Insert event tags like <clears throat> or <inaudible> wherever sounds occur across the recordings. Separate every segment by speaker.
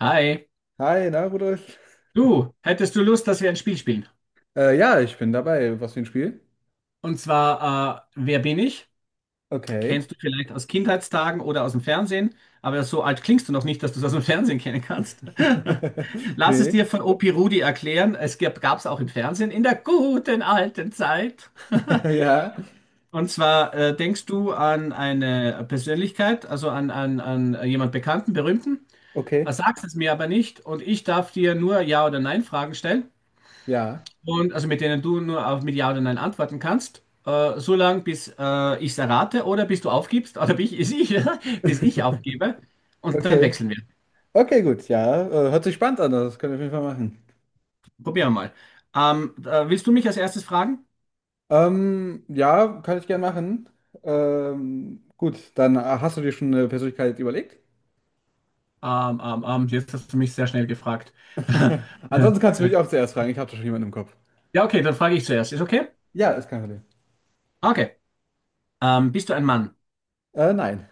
Speaker 1: Hi,
Speaker 2: Hi, na Rudolf?
Speaker 1: du, hättest du Lust, dass wir ein Spiel spielen?
Speaker 2: Ja, ich bin dabei. Was für ein Spiel?
Speaker 1: Und zwar, wer bin ich?
Speaker 2: Okay.
Speaker 1: Kennst du vielleicht aus Kindheitstagen oder aus dem Fernsehen, aber so alt klingst du noch nicht, dass du es aus dem Fernsehen kennen kannst. <laughs>
Speaker 2: <laughs>
Speaker 1: Lass es
Speaker 2: Nee.
Speaker 1: dir von Opi Rudi erklären. Es gab es auch im Fernsehen in der guten alten Zeit. <laughs>
Speaker 2: <laughs> Ja.
Speaker 1: Und zwar, denkst du an eine Persönlichkeit, also an jemand Bekannten, Berühmten,
Speaker 2: Okay.
Speaker 1: sagst es mir aber nicht und ich darf dir nur Ja oder Nein Fragen stellen.
Speaker 2: Ja.
Speaker 1: Und also mit denen du nur auf mit Ja oder Nein antworten kannst, so lange, bis ich es errate oder bis du aufgibst, oder <laughs> ich bis ich aufgebe.
Speaker 2: <laughs>
Speaker 1: Und dann
Speaker 2: Okay.
Speaker 1: wechseln wir.
Speaker 2: Okay, gut. Ja, hört sich spannend an. Das können wir auf jeden Fall machen.
Speaker 1: Probieren wir mal. Willst du mich als erstes fragen?
Speaker 2: Ja, kann ich gern machen. Gut, dann hast du dir schon eine Persönlichkeit überlegt?
Speaker 1: Jetzt hast du mich sehr schnell gefragt.
Speaker 2: <laughs> Ansonsten kannst du mich auch
Speaker 1: <laughs>
Speaker 2: zuerst fragen. Ich habe da schon jemanden im Kopf.
Speaker 1: Ja, okay, dann frage ich zuerst. Ist okay?
Speaker 2: Ja, ist kein Problem.
Speaker 1: Okay. Bist du ein Mann?
Speaker 2: Nein.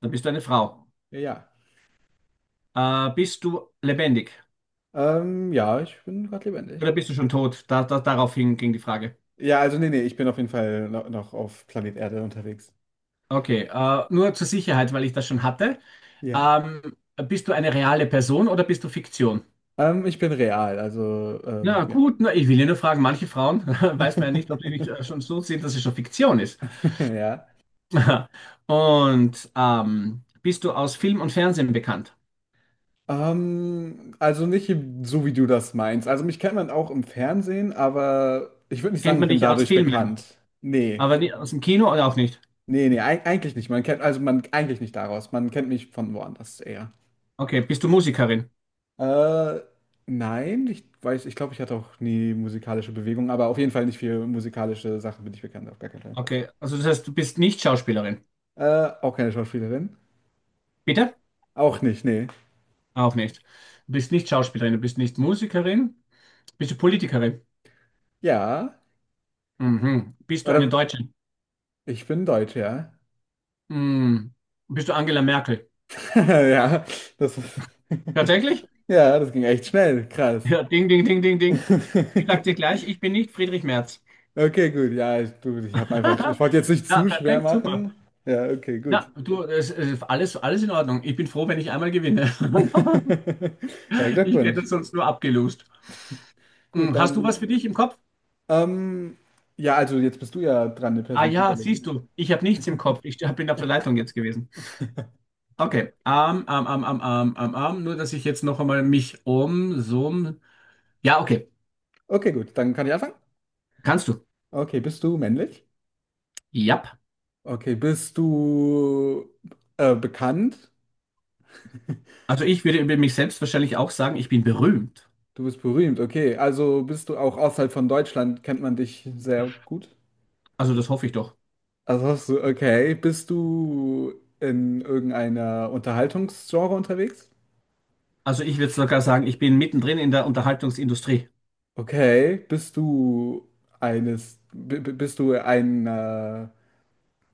Speaker 1: Dann bist du eine Frau.
Speaker 2: Ja, ja.
Speaker 1: Bist du lebendig?
Speaker 2: Ja, ich bin gerade
Speaker 1: Oder
Speaker 2: lebendig.
Speaker 1: bist du schon tot? Daraufhin ging die Frage.
Speaker 2: Ja, also nee, nee, ich bin auf jeden Fall noch auf Planet Erde unterwegs.
Speaker 1: Okay, nur zur Sicherheit, weil ich das schon hatte.
Speaker 2: Ja.
Speaker 1: Bist du eine reale Person oder bist du Fiktion?
Speaker 2: Ich bin real, also
Speaker 1: Ja,
Speaker 2: ja.
Speaker 1: gut, na, ich will ja nur fragen, manche Frauen <laughs> weiß man ja nicht, ob sie nicht
Speaker 2: <laughs>
Speaker 1: schon so sind, dass es schon Fiktion ist.
Speaker 2: Ja.
Speaker 1: <laughs> Und bist du aus Film und Fernsehen bekannt?
Speaker 2: Also nicht so, wie du das meinst. Also mich kennt man auch im Fernsehen, aber ich würde nicht sagen,
Speaker 1: Kennt
Speaker 2: ich
Speaker 1: man
Speaker 2: bin
Speaker 1: dich aus
Speaker 2: dadurch
Speaker 1: Filmen,
Speaker 2: bekannt. Nee,
Speaker 1: aber aus dem Kino oder auch nicht?
Speaker 2: nee, nee, eigentlich nicht. Man kennt, also man eigentlich nicht daraus. Man kennt mich von woanders eher.
Speaker 1: Okay, bist du Musikerin?
Speaker 2: Äh, nein, ich glaube, ich hatte auch nie musikalische Bewegung, aber auf jeden Fall nicht für musikalische Sachen bin ich bekannt, auf gar keinen Fall.
Speaker 1: Okay, also das heißt, du bist nicht Schauspielerin.
Speaker 2: Auch keine Schauspielerin.
Speaker 1: Bitte?
Speaker 2: Auch nicht, nee.
Speaker 1: Auch nicht. Du bist nicht Schauspielerin, du bist nicht Musikerin. Bist du Politikerin?
Speaker 2: Ja.
Speaker 1: Mhm. Bist du eine
Speaker 2: Oder
Speaker 1: Deutsche?
Speaker 2: ich bin Deutsch, ja.
Speaker 1: Mhm. Bist du Angela Merkel?
Speaker 2: <laughs> Ja, das ist. <laughs>
Speaker 1: Tatsächlich?
Speaker 2: Ja, das ging echt schnell. Krass.
Speaker 1: Ja, ding, ding, ding, ding,
Speaker 2: <laughs>
Speaker 1: ding. Ich sag dir gleich, ich bin nicht Friedrich Merz.
Speaker 2: Okay, gut. Ich habe einfach. Ich
Speaker 1: <laughs>
Speaker 2: wollte jetzt nicht
Speaker 1: Ja,
Speaker 2: zu schwer
Speaker 1: perfekt, super.
Speaker 2: machen. Ja, okay, gut.
Speaker 1: Na, du, es alles, alles in Ordnung. Ich bin froh, wenn ich einmal gewinne. <laughs>
Speaker 2: <laughs> Ja,
Speaker 1: Ich hätte
Speaker 2: Glückwunsch.
Speaker 1: es sonst nur abgelost.
Speaker 2: Gut,
Speaker 1: Hm, hast du
Speaker 2: dann.
Speaker 1: was für dich im Kopf?
Speaker 2: Ähm, ja, also jetzt bist du ja dran, eine
Speaker 1: Ah
Speaker 2: Person zu
Speaker 1: ja,
Speaker 2: überlegen.
Speaker 1: siehst du, ich habe nichts im Kopf. Bin auf der Leitung jetzt gewesen. Okay, Nur, dass ich jetzt noch einmal mich um, so, ja, okay,
Speaker 2: Okay, gut. Dann kann ich anfangen.
Speaker 1: kannst du.
Speaker 2: Okay, bist du männlich?
Speaker 1: Ja.
Speaker 2: Okay, bist du bekannt?
Speaker 1: Also ich würde über mich selbst wahrscheinlich auch sagen, ich bin berühmt.
Speaker 2: Du bist berühmt, okay. Also bist du auch außerhalb von Deutschland, kennt man dich sehr gut.
Speaker 1: Also das hoffe ich doch.
Speaker 2: Okay, bist du in irgendeiner Unterhaltungsgenre unterwegs?
Speaker 1: Also ich würde sogar sagen, ich bin mittendrin in der Unterhaltungsindustrie.
Speaker 2: Okay, bist du eines, b- b-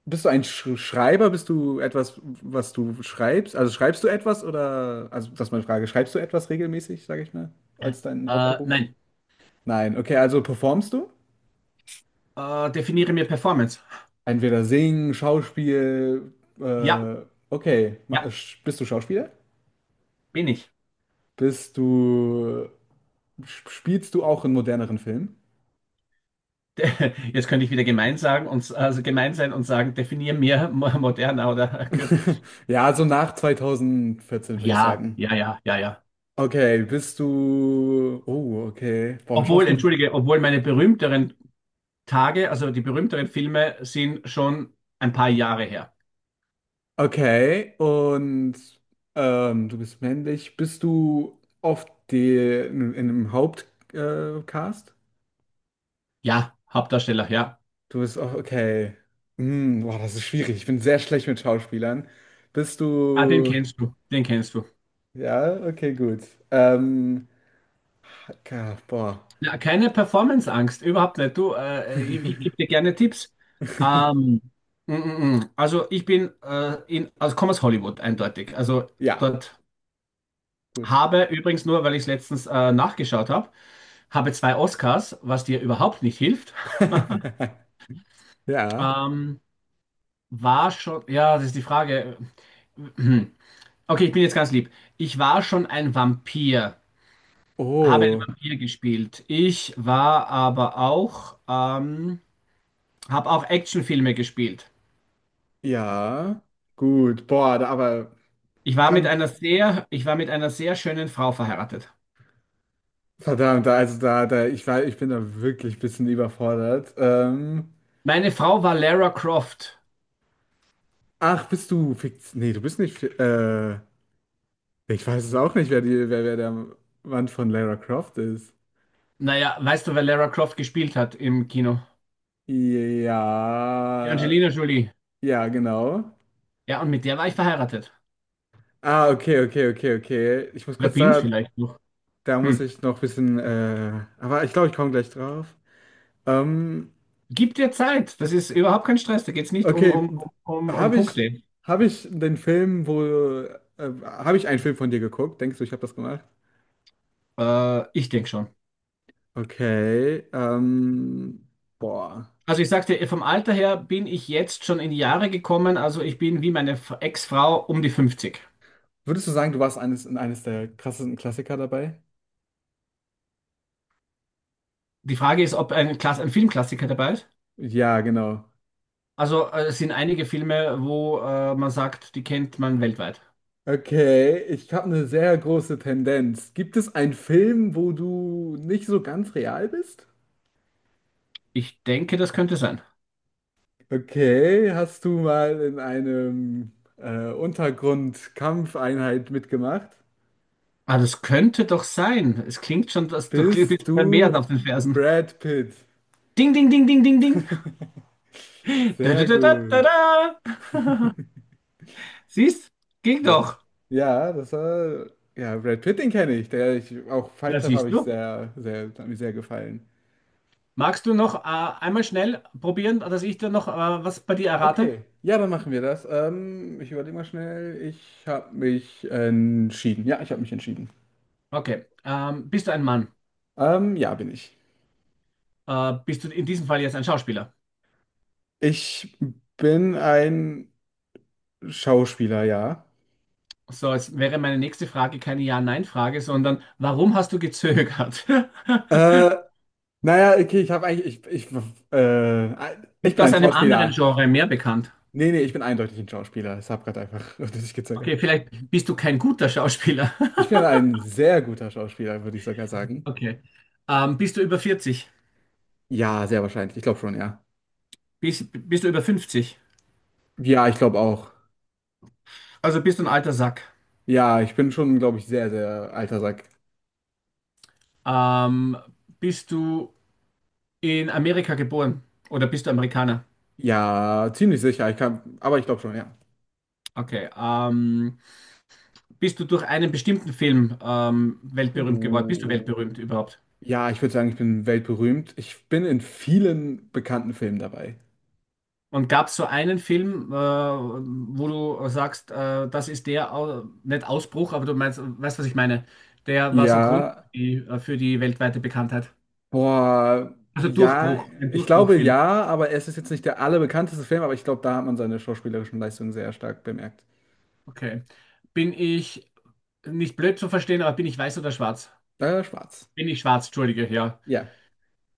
Speaker 2: bist du ein Sch Schreiber? Bist du etwas, was du schreibst? Also schreibst du etwas oder, also das ist meine Frage, schreibst du etwas regelmäßig, sage ich mal, als deinen Hauptberuf?
Speaker 1: Nein,
Speaker 2: Nein, okay, also performst du?
Speaker 1: definiere mir Performance.
Speaker 2: Entweder singen, Schauspiel,
Speaker 1: Ja,
Speaker 2: äh, okay.
Speaker 1: ja,
Speaker 2: Bist du Schauspieler?
Speaker 1: bin ich.
Speaker 2: Bist du, spielst du auch in moderneren Filmen?
Speaker 1: <laughs> Jetzt könnte ich wieder gemein sagen und also gemein sein und sagen, definiere mir moderner oder kürzer.
Speaker 2: <laughs> Ja, so nach 2014 würde ich
Speaker 1: Ja,
Speaker 2: sagen.
Speaker 1: ja, ja, ja, ja.
Speaker 2: Okay. Boah,
Speaker 1: Obwohl,
Speaker 2: Schauspiel,
Speaker 1: entschuldige, obwohl meine berühmteren Tage, also die berühmteren Filme sind schon ein paar Jahre her.
Speaker 2: okay. Und du bist männlich. Bist du oft in einem Hauptcast? Cast?
Speaker 1: Ja, Hauptdarsteller, ja.
Speaker 2: Du bist auch okay. Hm, boah, das ist schwierig. Ich bin sehr schlecht mit Schauspielern. Bist
Speaker 1: Ah,
Speaker 2: du.
Speaker 1: den kennst du.
Speaker 2: Ja, okay, gut. Ähm, ja, boah.
Speaker 1: Ja, keine Performance-Angst, überhaupt nicht. Du, ich gebe dir
Speaker 2: <laughs>
Speaker 1: gerne Tipps. Ähm, mm. Also ich bin also komme aus Hollywood, eindeutig. Also
Speaker 2: Ja,
Speaker 1: dort
Speaker 2: gut.
Speaker 1: habe übrigens nur, weil ich es letztens nachgeschaut habe, habe zwei Oscars, was dir überhaupt nicht hilft.
Speaker 2: <laughs> Ja.
Speaker 1: Ähm, War schon, ja, das ist die Frage. <clears throat> Okay, ich bin jetzt ganz lieb. Ich war schon ein Vampir, habe einen
Speaker 2: Oh,
Speaker 1: Vampir gespielt. Ich war aber auch, habe auch Actionfilme gespielt.
Speaker 2: ja. Gut. Boah, da, aber beim-
Speaker 1: Ich war mit einer sehr schönen Frau verheiratet.
Speaker 2: verdammt, da- also da, da, ich war, ich bin da wirklich ein bisschen überfordert.
Speaker 1: Meine Frau war Lara Croft.
Speaker 2: Ach, bist du fix? Nee, du bist nicht. Ich weiß es auch nicht, wer der Mann von Lara Croft ist.
Speaker 1: Naja, weißt du, wer Lara Croft gespielt hat im Kino? Die
Speaker 2: Ja,
Speaker 1: Angelina Jolie.
Speaker 2: ja, genau.
Speaker 1: Ja, und mit der war ich verheiratet.
Speaker 2: Ah, okay, okay, okay, okay. Ich muss
Speaker 1: Oder
Speaker 2: kurz
Speaker 1: bin's
Speaker 2: da,
Speaker 1: vielleicht noch.
Speaker 2: da muss
Speaker 1: Hm.
Speaker 2: ich noch ein bisschen, aber ich glaube, ich komme gleich drauf. Ähm,
Speaker 1: Gib dir Zeit. Das ist überhaupt kein Stress. Da geht's nicht
Speaker 2: okay,
Speaker 1: um
Speaker 2: habe ich,
Speaker 1: Punkte.
Speaker 2: habe ich den Film, habe ich einen Film von dir geguckt? Denkst du, ich habe das gemacht?
Speaker 1: Ich denke schon.
Speaker 2: Okay, boah.
Speaker 1: Also ich sag dir, vom Alter her bin ich jetzt schon in die Jahre gekommen. Also ich bin wie meine Ex-Frau um die 50.
Speaker 2: Würdest du sagen, du warst eines der krassesten Klassiker dabei?
Speaker 1: Die Frage ist, ob ein Filmklassiker dabei ist.
Speaker 2: Ja, genau.
Speaker 1: Also es sind einige Filme, wo man sagt, die kennt man weltweit.
Speaker 2: Okay, ich habe eine sehr große Tendenz. Gibt es einen Film, wo du nicht so ganz real bist?
Speaker 1: Ich denke, das könnte sein.
Speaker 2: Okay, hast du mal in einem Untergrundkampfeinheit mitgemacht?
Speaker 1: Ah, das könnte doch sein. Es klingt schon, dass du bist
Speaker 2: Bist
Speaker 1: beim Meer
Speaker 2: du
Speaker 1: auf den Fersen.
Speaker 2: Brad Pitt?
Speaker 1: Ding, ding, ding, ding, ding, ding. Da, da,
Speaker 2: Sehr
Speaker 1: da, da, da,
Speaker 2: gut.
Speaker 1: da. <laughs> Siehst? Ging
Speaker 2: Ja,
Speaker 1: doch.
Speaker 2: ja, das war ja Brad Pitt, den kenne ich. Der ich auch Fight
Speaker 1: Na,
Speaker 2: Club habe
Speaker 1: siehst
Speaker 2: ich
Speaker 1: du.
Speaker 2: sehr, sehr, hat mir sehr gefallen.
Speaker 1: Magst du noch einmal schnell probieren, dass ich dir noch was bei dir errate?
Speaker 2: Okay, ja, dann machen wir das. Ich überlege mal schnell. Ich habe mich entschieden. Ja, ich habe mich entschieden.
Speaker 1: Okay. Bist du ein Mann?
Speaker 2: Ja, bin ich.
Speaker 1: Bist du in diesem Fall jetzt ein Schauspieler?
Speaker 2: Ich bin ein Schauspieler, ja.
Speaker 1: So, jetzt wäre meine nächste Frage keine Ja-Nein-Frage, sondern warum hast du gezögert? <laughs>
Speaker 2: Äh, naja, okay, ich habe eigentlich, ich, ich
Speaker 1: Bist du
Speaker 2: bin
Speaker 1: aus
Speaker 2: ein
Speaker 1: einem anderen
Speaker 2: Schauspieler.
Speaker 1: Genre mehr bekannt?
Speaker 2: Nee, nee, ich bin eindeutig ein Schauspieler. Ich habe gerade einfach <laughs> nicht gezögert.
Speaker 1: Okay, vielleicht bist du kein guter Schauspieler.
Speaker 2: Ich
Speaker 1: <laughs>
Speaker 2: bin ein sehr guter Schauspieler, würde ich sogar sagen.
Speaker 1: Okay. Bist du über 40?
Speaker 2: Ja, sehr wahrscheinlich. Ich glaube schon, ja.
Speaker 1: Bist du über 50?
Speaker 2: Ja, ich glaube auch.
Speaker 1: Also bist du ein alter Sack.
Speaker 2: Ja, ich bin schon, glaube ich, sehr, sehr alter Sack.
Speaker 1: Ähm, bist du in Amerika geboren? Oder bist du Amerikaner?
Speaker 2: Ja, ziemlich sicher. Ich kann, aber ich glaube schon, ja.
Speaker 1: Okay. Bist du durch einen bestimmten Film weltberühmt geworden? Bist du
Speaker 2: Uh,
Speaker 1: weltberühmt überhaupt?
Speaker 2: ja, ich würde sagen, ich bin weltberühmt. Ich bin in vielen bekannten Filmen dabei.
Speaker 1: Und gab es so einen Film, wo du sagst, das ist der, nicht Ausbruch, aber du meinst, weißt, was ich meine? Der war so Grund
Speaker 2: Ja,
Speaker 1: für die weltweite Bekanntheit.
Speaker 2: boah,
Speaker 1: Also
Speaker 2: ja,
Speaker 1: Durchbruch, ein
Speaker 2: ich glaube
Speaker 1: Durchbruchfilm.
Speaker 2: ja, aber es ist jetzt nicht der allerbekannteste Film, aber ich glaube, da hat man seine schauspielerischen Leistungen sehr stark bemerkt.
Speaker 1: Okay. Bin ich nicht blöd zu verstehen, aber bin ich weiß oder schwarz?
Speaker 2: Schwarz.
Speaker 1: Bin ich schwarz, entschuldige, ja.
Speaker 2: Ja.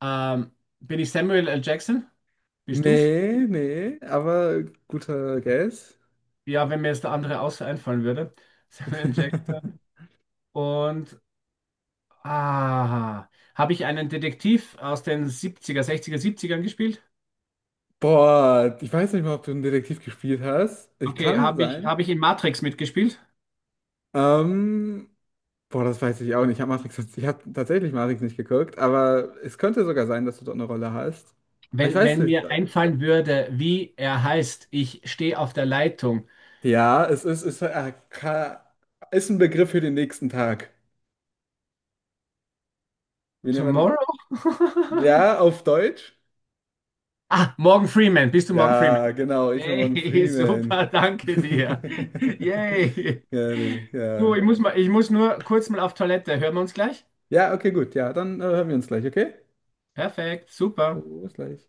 Speaker 1: Ähm, bin ich Samuel L. Jackson? Bist du's?
Speaker 2: Nee, nee, aber guter Guess.
Speaker 1: Ja, wenn mir jetzt der andere außer einfallen würde. <laughs> Samuel L.
Speaker 2: <laughs>
Speaker 1: Jackson. Und ah, habe ich einen Detektiv aus den siebziger, sechziger, 60 gespielt?
Speaker 2: Boah, ich weiß nicht mal, ob du einen Detektiv gespielt hast. Ich
Speaker 1: Okay,
Speaker 2: kann sein.
Speaker 1: habe ich in Matrix mitgespielt?
Speaker 2: Ähm, Boah, das weiß ich auch nicht. Ich habe tatsächlich Matrix nicht geguckt, aber es könnte sogar sein, dass du dort eine Rolle hast. Aber ich
Speaker 1: Wenn,
Speaker 2: weiß nicht.
Speaker 1: mir einfallen würde, wie er heißt, ich stehe auf der Leitung.
Speaker 2: Ja, es ist, ist, ka- ist ein Begriff für den nächsten Tag. Wie nennt man
Speaker 1: Tomorrow?
Speaker 2: den?
Speaker 1: <laughs>
Speaker 2: Ja, auf Deutsch?
Speaker 1: Ah, Morgan Freeman, bist du Morgan
Speaker 2: Ja,
Speaker 1: Freeman?
Speaker 2: genau, ich bin Morgan
Speaker 1: Hey, <laughs>
Speaker 2: Freeman.
Speaker 1: super, danke dir.
Speaker 2: <laughs>
Speaker 1: Yay.
Speaker 2: Ja, nee,
Speaker 1: Du,
Speaker 2: ja.
Speaker 1: ich muss nur kurz mal auf Toilette. Hören wir uns gleich?
Speaker 2: Ja, okay, gut. Ja, dann hören wir uns gleich, okay?
Speaker 1: Perfekt, super.
Speaker 2: Oh, bis gleich.